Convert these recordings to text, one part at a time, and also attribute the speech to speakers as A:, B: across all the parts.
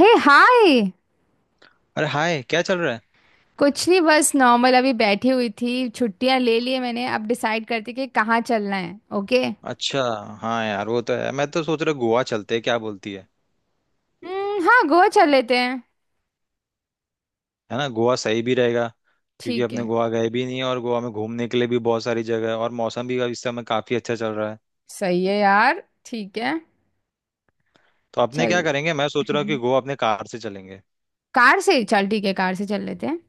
A: हे hi.
B: अरे hi, क्या चल रहा है।
A: कुछ नहीं, बस नॉर्मल अभी बैठी हुई थी, छुट्टियां ले ली है मैंने। अब डिसाइड करती कि कहाँ चलना है। ओके।
B: अच्छा। हाँ यार वो तो है, मैं तो सोच रहा गोवा चलते हैं, क्या बोलती है।
A: हम्म, हाँ गोवा चल लेते हैं।
B: है ना, गोवा सही भी रहेगा। क्योंकि
A: ठीक
B: अपने
A: है।
B: गोवा गए भी नहीं है और गोवा में घूमने के लिए भी बहुत सारी जगह है, और मौसम भी इस समय काफी अच्छा चल रहा है।
A: सही है यार, ठीक है।
B: तो अपने क्या
A: चल।
B: करेंगे, मैं सोच रहा हूँ कि
A: हम्म,
B: गोवा अपने कार से चलेंगे।
A: कार से चल, ठीक है, कार से चल लेते हैं।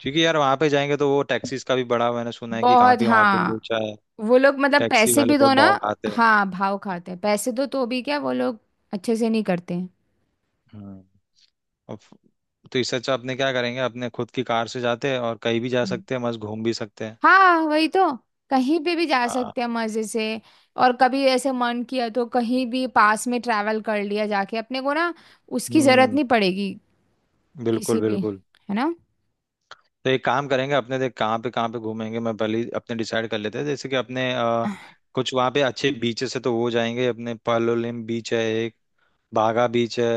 B: क्योंकि यार वहां पे जाएंगे तो वो टैक्सीज का भी बड़ा मैंने सुना है कि
A: बहुत,
B: काफी वहां पे
A: हाँ।
B: लोचा है।
A: वो लोग मतलब
B: टैक्सी
A: पैसे
B: वाले
A: भी दो
B: बहुत
A: ना।
B: भाव खाते हैं।
A: हाँ भाव खाते हैं, पैसे दो तो भी क्या वो लोग अच्छे से नहीं करते हैं।
B: हम्म। और फ- तो इससे अच्छा अपने क्या करेंगे, अपने खुद की कार से जाते हैं और कहीं भी जा सकते हैं, मस्त घूम भी सकते हैं।
A: हाँ वही तो। कहीं पे भी जा
B: हाँ।
A: सकते हैं मजे से। और कभी ऐसे मन किया तो कहीं भी पास में ट्रैवल कर लिया जाके अपने को ना, उसकी जरूरत
B: हम्म।
A: नहीं पड़ेगी।
B: बिल्कुल
A: किसी भी,
B: बिल्कुल।
A: है ना।
B: तो एक काम करेंगे, अपने देख कहाँ पे घूमेंगे, मैं पहले ही अपने डिसाइड कर लेते हैं, जैसे कि अपने कुछ वहाँ पे अच्छे बीचेस है तो वो जाएंगे। अपने पालोलिम बीच है एक, बागा बीच है।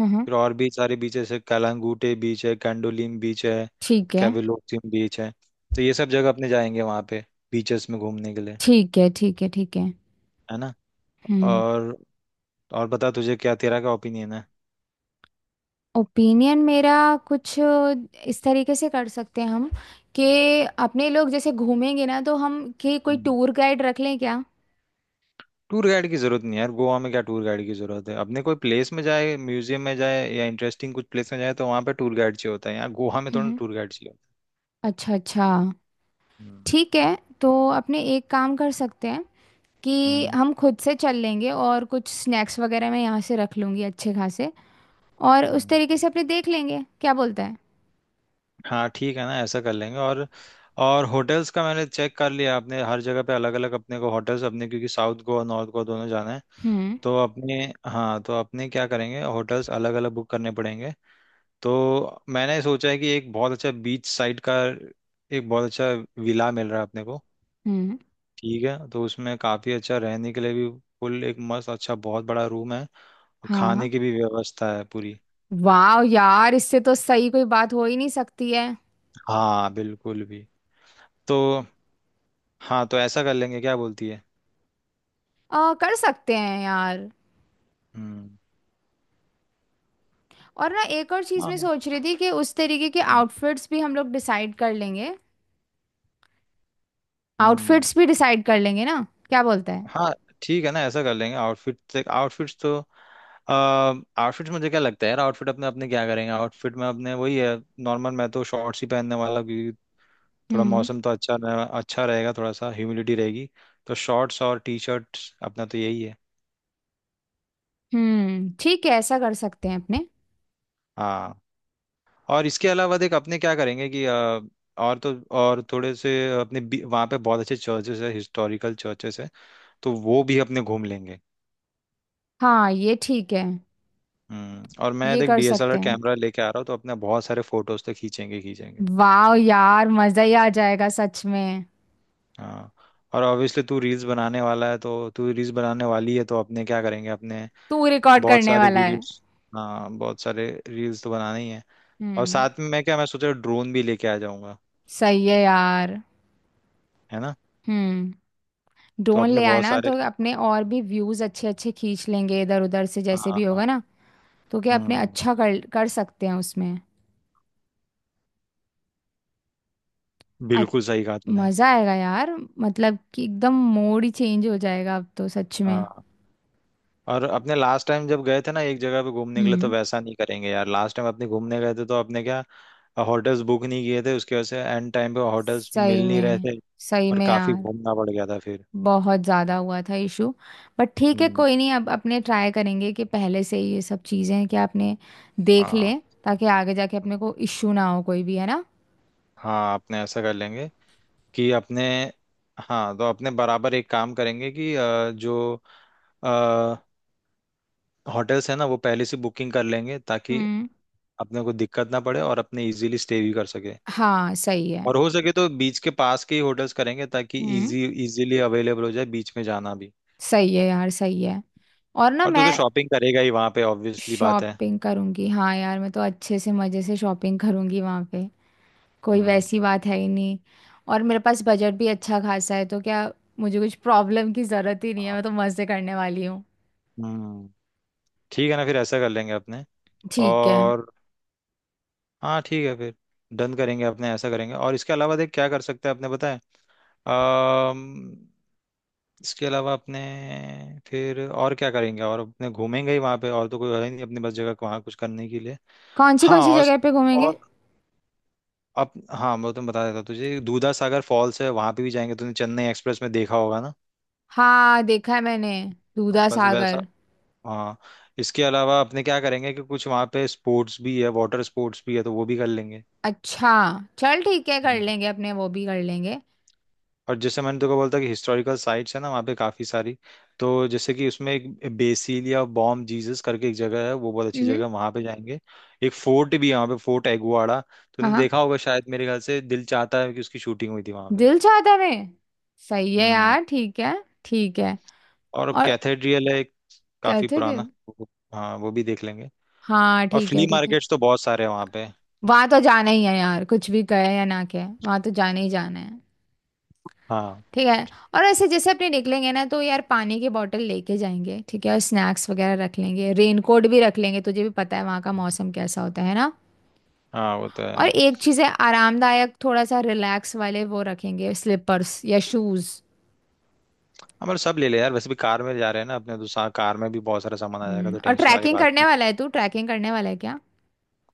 A: हम्म।
B: फिर और भी सारे बीचेस है, कलांगूटे बीच है, कैंडोलिम बीच है,
A: ठीक है,
B: कैविलोसिम बीच है। तो ये सब जगह अपने जाएंगे वहाँ पे, बीचेस में घूमने के लिए।
A: ठीक है, ठीक है। ठीक है।
B: है ना।
A: हम्म।
B: और और बता, तुझे क्या, तेरा क्या ओपिनियन
A: ओपिनियन मेरा, कुछ इस तरीके से कर सकते हैं हम, कि अपने लोग जैसे घूमेंगे ना तो हम कि कोई
B: है।
A: टूर गाइड रख लें क्या।
B: टूर गाइड की जरूरत नहीं है यार, गोवा में क्या टूर गाइड की जरूरत है, अपने कोई प्लेस में जाए, म्यूजियम में जाए या इंटरेस्टिंग कुछ प्लेस में जाए तो वहां पे टूर गाइड चाहिए होता है, यहाँ गोवा में थोड़ा
A: हम्म।
B: टूर गाइड चाहिए।
A: अच्छा अच्छा।
B: हम्म।
A: ठीक है तो अपने एक काम कर सकते हैं,
B: होता है।
A: कि हम खुद से चल लेंगे और कुछ स्नैक्स वगैरह मैं यहाँ से रख लूंगी अच्छे खासे। और उस
B: हम्म।
A: तरीके से अपने देख लेंगे, क्या बोलता है।
B: हाँ ठीक है ना, ऐसा कर लेंगे। और होटल्स का मैंने चेक कर लिया, अपने हर जगह पे अलग अलग अपने को होटल्स अपने, क्योंकि साउथ गोवा नॉर्थ गोवा दोनों जाना है।
A: हम्म।
B: तो अपने, हाँ, तो अपने क्या करेंगे, होटल्स अलग अलग बुक करने पड़ेंगे। तो मैंने सोचा है कि एक बहुत अच्छा बीच साइड का, एक बहुत अच्छा विला मिल रहा है अपने को।
A: हम्म।
B: ठीक है, तो उसमें काफ़ी अच्छा रहने के लिए भी, फुल एक मस्त अच्छा बहुत बड़ा रूम है, और
A: हाँ।
B: खाने की भी व्यवस्था है पूरी।
A: वाह यार, इससे तो सही कोई बात हो ही नहीं सकती है।
B: हाँ, बिल्कुल भी। तो, हाँ तो ऐसा कर लेंगे, क्या बोलती है।
A: कर सकते हैं यार।
B: हम्म।
A: और ना एक और चीज़ मैं
B: हाँ।
A: सोच रही थी कि उस तरीके के
B: हम्म।
A: आउटफिट्स भी हम लोग डिसाइड कर लेंगे।
B: हम्म,
A: आउटफिट्स भी डिसाइड कर लेंगे ना, क्या बोलता है।
B: हाँ ठीक है ना, ऐसा कर लेंगे, आउटफिट आउटफिट्स तो, आउटफिट्स मुझे क्या लगता है यार, आउटफिट अपने अपने क्या करेंगे, आउटफिट में अपने वही है। नॉर्मल मैं तो शॉर्ट्स ही पहनने वाला हूं, क्योंकि थोड़ा
A: हम्म।
B: मौसम तो अच्छा रहेगा, थोड़ा सा ह्यूमिडिटी रहेगी। तो शॉर्ट्स और टी शर्ट्स अपना तो यही है।
A: हम्म। ठीक है, ऐसा कर सकते हैं अपने।
B: हाँ। और इसके अलावा देख अपने क्या करेंगे, कि और तो, और थोड़े से अपने वहाँ पे बहुत अच्छे चर्चेस है, हिस्टोरिकल चर्चेस है, तो वो भी अपने घूम लेंगे।
A: हाँ ये ठीक है।
B: हम्म। और मैं
A: ये
B: देख
A: कर सकते
B: डीएसएलआर
A: हैं।
B: कैमरा लेके आ रहा हूँ, तो अपने बहुत सारे फोटोज तो खींचेंगे खींचेंगे।
A: वाह यार, मजा ही आ जाएगा सच में।
B: हाँ और ऑब्वियसली तू रील्स बनाने वाला है, तो तू रील्स बनाने वाली है, तो अपने क्या करेंगे, अपने
A: तू रिकॉर्ड
B: बहुत
A: करने
B: सारे
A: वाला है।
B: वीडियोस। हाँ बहुत सारे रील्स तो बनाने ही हैं। और
A: हम्म।
B: साथ में मैं क्या, मैं सोच रहा ड्रोन भी लेके आ जाऊंगा।
A: सही है यार।
B: है ना।
A: हम्म।
B: तो
A: ड्रोन
B: अपने
A: ले
B: बहुत
A: आना
B: सारे,
A: तो अपने और भी व्यूज अच्छे अच्छे खींच लेंगे इधर उधर से, जैसे
B: हाँ
A: भी
B: हाँ।
A: होगा ना। तो क्या अपने
B: हम्म।
A: अच्छा कर कर सकते हैं उसमें। अच-
B: बिल्कुल सही कहा तूने।
A: मजा आएगा यार। मतलब कि एकदम मूड ही चेंज हो जाएगा अब तो सच में।
B: हाँ। और अपने लास्ट टाइम जब गए थे ना, एक जगह पे घूमने के लिए, तो
A: हम्म।
B: वैसा नहीं करेंगे यार, लास्ट टाइम अपने घूमने गए थे तो अपने क्या, होटल्स बुक नहीं किए थे, उसकी वजह से एंड टाइम पे होटल्स
A: सही
B: मिल नहीं रहे
A: में,
B: थे।
A: सही
B: और
A: में
B: काफी
A: यार।
B: घूमना पड़ गया था फिर।
A: बहुत ज़्यादा हुआ था इशू। बट ठीक है,
B: हम्म,
A: कोई नहीं, अब अपने ट्राई करेंगे कि पहले से ही ये सब चीज़ें हैं कि आपने देख
B: हाँ
A: लें, ताकि आगे जाके अपने को इशू ना हो कोई भी, है ना।
B: हाँ। अपने ऐसा कर लेंगे कि अपने, हाँ तो अपने बराबर एक काम करेंगे, कि जो होटल्स है ना वो पहले से बुकिंग कर लेंगे, ताकि
A: हम्म।
B: अपने को दिक्कत ना पड़े और अपने इजीली स्टे भी कर सके।
A: हाँ सही है।
B: और हो सके तो बीच के पास के ही होटल्स करेंगे, ताकि
A: हम्म।
B: इजीली अवेलेबल हो जाए, बीच में जाना भी।
A: सही है यार, सही है। और ना
B: और तू
A: मैं
B: तो शॉपिंग करेगा ही वहां पे, ऑब्वियसली बात है।
A: शॉपिंग करूँगी, हाँ यार, मैं तो अच्छे से मज़े से शॉपिंग करूँगी वहाँ पे। कोई
B: हम्म।
A: वैसी बात है ही नहीं। और मेरे पास बजट भी अच्छा खासा है तो क्या, मुझे कुछ प्रॉब्लम की ज़रूरत ही नहीं है,
B: हाँ,
A: मैं तो मज़े करने वाली हूँ।
B: हम्म। ठीक है ना, फिर ऐसा कर लेंगे अपने।
A: ठीक है।
B: और हाँ ठीक है फिर, डन करेंगे, अपने ऐसा करेंगे, और इसके अलावा देख क्या कर सकते हैं अपने, बताएं। अम्म इसके अलावा अपने, फिर और क्या करेंगे, और अपने घूमेंगे ही वहां पे, और तो कोई है ही नहीं अपने पास, जगह वहां कुछ करने के लिए। हाँ।
A: कौन सी जगह पे घूमेंगे।
B: और अब हाँ, मैं तुम्हें बता देता हूँ, तुझे दूधा सागर फॉल्स है, वहां पे भी जाएंगे, तूने चेन्नई एक्सप्रेस में देखा होगा ना।
A: हाँ देखा है मैंने,
B: हाँ,
A: दूधा
B: बस वैसा।
A: सागर।
B: हाँ। इसके अलावा अपने क्या करेंगे, कि कुछ वहाँ पे स्पोर्ट्स भी है, वाटर स्पोर्ट्स भी है, तो वो भी कर लेंगे।
A: अच्छा, चल ठीक है, कर
B: हम्म।
A: लेंगे अपने वो भी कर लेंगे।
B: और जैसे मैंने तुमको बोला था कि हिस्टोरिकल साइट्स है ना, वहाँ पे काफ़ी सारी। तो जैसे कि उसमें एक बेसिलिया बॉम जीसस करके एक जगह है, वो बहुत अच्छी जगह
A: हम्म।
B: है, वहाँ पे जाएंगे। एक फोर्ट भी है वहाँ पे, फोर्ट एगुआड़ा।
A: हाँ
B: तूने
A: हाँ।
B: देखा होगा शायद, मेरे ख्याल से दिल चाहता है कि उसकी शूटिंग हुई थी वहाँ पे।
A: दिल चाहता में। सही है
B: हम्म।
A: यार, ठीक है। ठीक है।
B: और
A: और
B: कैथेड्रियल है, काफी
A: कहते थे।
B: पुराना। वो- हाँ वो भी देख लेंगे।
A: हाँ
B: और
A: ठीक
B: फ्ली
A: है, ठीक है।
B: मार्केट्स तो बहुत सारे हैं वहाँ पे।
A: वहां तो जाना ही है यार, कुछ भी कहे या ना कहे वहां तो जाना ही जाना है।
B: हाँ
A: ठीक है। और ऐसे जैसे अपने निकलेंगे ना तो यार, पानी की बोतल लेके जाएंगे, ठीक है, और स्नैक्स वगैरह रख लेंगे, रेनकोट भी रख लेंगे, तुझे भी पता है वहाँ का मौसम कैसा होता है ना।
B: हाँ वो तो
A: और
B: है।
A: एक चीज है, आरामदायक थोड़ा सा रिलैक्स वाले वो रखेंगे, स्लीपर्स या शूज।
B: हमारे सब ले ले यार, वैसे भी कार में जा रहे हैं ना अपने तो, कार में भी बहुत सारा सामान आ जाएगा,
A: हम्म।
B: तो
A: और
B: टेंशन वाली
A: ट्रैकिंग
B: बात
A: करने
B: नहीं।
A: वाला है तू, ट्रैकिंग करने वाला है क्या।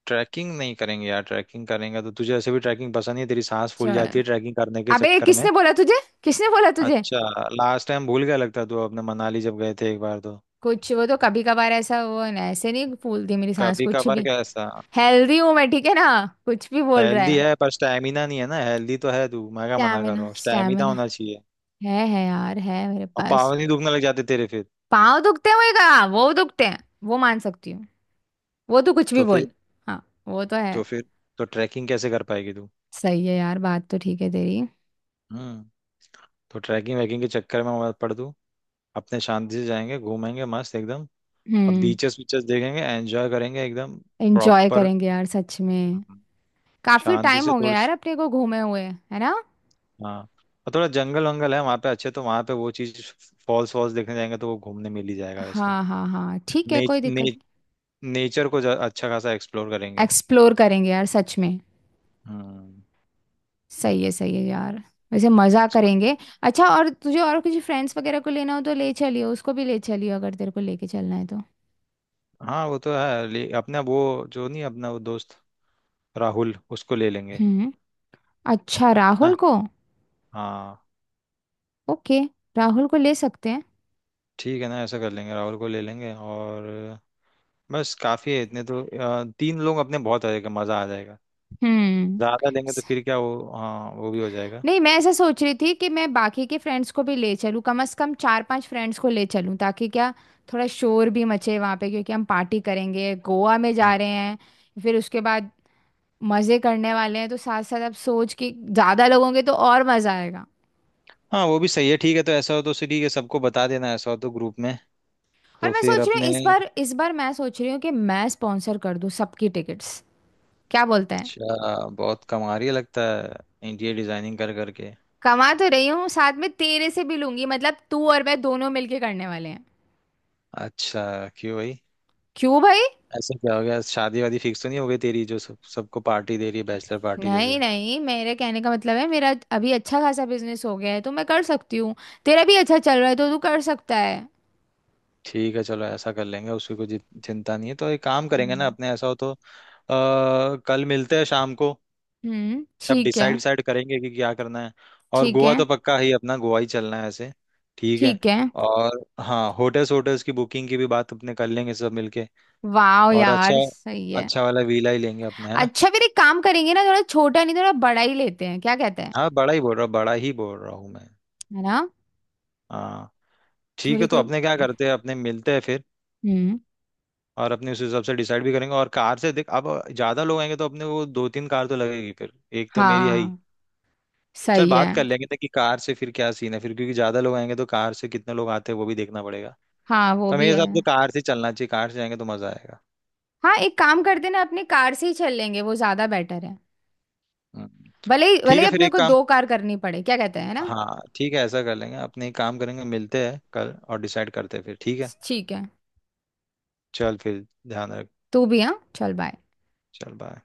B: ट्रैकिंग नहीं करेंगे यार, ट्रैकिंग करेंगे तो, तुझे ऐसे भी ट्रैकिंग पसंद नहीं है, तेरी सांस फूल
A: चल।
B: जाती है ट्रैकिंग करने के
A: अबे
B: चक्कर में।
A: किसने बोला तुझे, किसने बोला तुझे।
B: अच्छा। लास्ट टाइम भूल गया लगता है तू, अपने मनाली जब गए थे एक बार तो।
A: कुछ वो तो कभी कभार ऐसा, वो न- ऐसे नहीं फूलती मेरी सांस
B: कभी
A: कुछ
B: कभार
A: भी।
B: कैसा।
A: हेल्दी हूं मैं, ठीक है ना। कुछ भी बोल रहा
B: हेल्दी
A: है।
B: है पर स्टैमिना नहीं है ना, हेल्दी तो है तू, मैं क्या मना कर रहा
A: स्टैमिना,
B: हूँ, स्टैमिना
A: स्टैमिना
B: होना चाहिए।
A: है यार, है मेरे
B: और
A: पास।
B: पाँव नहीं दुखने लग जाते तेरे फिर।
A: पाँव दुखते हुए का, वो दुखते हैं, वो मान सकती हूँ, वो तो कुछ भी
B: तो फिर
A: बोल। हाँ, वो तो है।
B: तो फिर तो ट्रैकिंग कैसे कर पाएगी तू।
A: सही है यार, बात तो ठीक है तेरी।
B: हम्म। तो ट्रैकिंग वैकिंग के चक्कर में मत पड़ तू, अपने शांति से जाएंगे, घूमेंगे मस्त एकदम। अब
A: हम्म।
B: बीचेस बीचेस देखेंगे, एंजॉय करेंगे एकदम
A: एंजॉय
B: प्रॉपर,
A: करेंगे यार सच में। काफी
B: शांति
A: टाइम
B: से
A: हो गया
B: थोड़ी।
A: यार अपने को घूमे हुए, है ना।
B: हाँ। और थोड़ा जंगल वंगल है वहाँ पे अच्छे, तो वहाँ पे वो चीज, फॉल्स वॉल्स देखने जाएंगे तो वो घूमने मिल ही जाएगा वैसे।
A: हाँ हाँ हाँ, ठीक है
B: ने,
A: कोई
B: ने,
A: दिक्कत
B: नेचर को अच्छा खासा एक्सप्लोर
A: नहीं।
B: करेंगे।
A: एक्सप्लोर करेंगे यार सच में।
B: हम्म।
A: सही है, सही है यार। वैसे मजा
B: समझ गई।
A: करेंगे। अच्छा, और तुझे और किसी फ्रेंड्स वगैरह को लेना हो तो ले चलियो, उसको भी ले चलियो, अगर तेरे को लेके चलना है तो।
B: हाँ वो तो है, ले, अपना वो जो नहीं, अपना वो दोस्त राहुल उसको ले लेंगे, है
A: हम्म। अच्छा, राहुल
B: ना।
A: को।
B: हाँ।
A: ओके। राहुल को ले सकते हैं।
B: ठीक है ना, ऐसा कर लेंगे, राहुल को ले लेंगे। और बस काफ़ी है इतने तो, तीन लोग अपने बहुत, आ जाएगा, मज़ा आ जाएगा।
A: हम्म।
B: ज़्यादा लेंगे तो फिर क्या, वो हाँ वो भी हो जाएगा।
A: नहीं, मैं ऐसा सोच रही थी कि मैं बाकी के फ्रेंड्स को भी ले चलूँ, कम से कम चार पांच फ्रेंड्स को ले चलूँ, ताकि क्या, थोड़ा शोर भी मचे वहाँ पे, क्योंकि हम पार्टी करेंगे, गोवा में
B: हम्म।
A: जा रहे हैं। फिर उसके बाद मज़े करने वाले हैं, तो साथ साथ अब सोच कि ज़्यादा लोग होंगे तो और मज़ा आएगा।
B: हाँ वो भी सही है, ठीक है तो ऐसा हो तो ठीक है, सबको बता देना, ऐसा हो तो ग्रुप में।
A: और
B: तो
A: मैं
B: फिर
A: सोच रही
B: अपने।
A: हूँ, इस बार, इस बार मैं सोच रही हूँ कि मैं स्पॉन्सर कर दूँ सबकी टिकट्स, क्या बोलते हैं।
B: अच्छा, बहुत कमा रही है लगता है इंटीरियर डिजाइनिंग कर करके।
A: कमा तो रही हूँ, साथ में तेरे से भी लूंगी, मतलब तू और मैं दोनों मिलके करने वाले हैं।
B: अच्छा। क्यों भाई।
A: क्यों भाई।
B: ऐसा क्या हो गया, शादी वादी फिक्स तो नहीं हो गई तेरी, जो सब सबको पार्टी दे रही है, बैचलर पार्टी जैसे।
A: नहीं नहीं, मेरे कहने का मतलब है मेरा अभी अच्छा खासा बिजनेस हो गया है तो मैं कर सकती हूँ। तेरा भी अच्छा चल रहा है तो तू कर सकता है।
B: ठीक है, चलो ऐसा कर लेंगे, उसकी कोई चिंता नहीं है, तो एक काम करेंगे ना
A: हम्म।
B: अपने, ऐसा हो तो कल मिलते हैं शाम को।
A: हम्म।
B: सब
A: ठीक है,
B: डिसाइड डिसाइड करेंगे कि क्या करना है। और
A: ठीक
B: गोवा
A: है,
B: तो पक्का ही, अपना गोवा ही चलना है ऐसे, ठीक है।
A: ठीक है।
B: और हाँ, होटल्स होटल्स की बुकिंग की भी बात अपने कर लेंगे सब मिलके।
A: वाह
B: और
A: यार
B: अच्छा,
A: सही है।
B: अच्छा वाला वीला ही लेंगे अपने, है ना।
A: अच्छा फिर एक काम करेंगे ना, थोड़ा छोटा नहीं, थोड़ा बड़ा ही लेते हैं, क्या कहते हैं,
B: हाँ बड़ा ही बोल रहा हूँ, बड़ा ही बोल रहा हूँ मैं।
A: है ना।
B: हाँ ठीक
A: थोड़ी
B: है, तो
A: कोई।
B: अपने क्या करते हैं, अपने मिलते हैं फिर।
A: हम्म।
B: और अपने उस हिसाब से डिसाइड भी करेंगे, और कार से देख, अब ज्यादा लोग आएंगे तो अपने को दो तीन कार तो लगेगी फिर, एक तो मेरी है ही।
A: हाँ
B: चल,
A: सही है।
B: बात कर लेंगे कि कार से फिर क्या सीन है फिर, क्योंकि ज्यादा लोग आएंगे तो कार से कितने लोग आते हैं वो भी देखना पड़ेगा।
A: हाँ वो
B: पर
A: भी
B: मेरे
A: है।
B: हिसाब से तो कार से चलना चाहिए, कार से जाएंगे तो मजा आएगा।
A: हाँ, एक काम करते ना, अपनी कार से ही चल लेंगे, वो ज्यादा बेटर है।
B: हम्म।
A: भले ही,
B: ठीक
A: भले
B: है
A: ही
B: फिर,
A: अपने
B: एक
A: को
B: काम।
A: दो कार करनी पड़े, क्या कहते हैं, है ना।
B: हाँ ठीक है, ऐसा कर लेंगे अपने, एक काम करेंगे, मिलते हैं कल और डिसाइड करते हैं फिर, ठीक है।
A: ठीक है।
B: चल फिर, ध्यान रख।
A: तू भी, हाँ चल बाय।
B: चल बाय।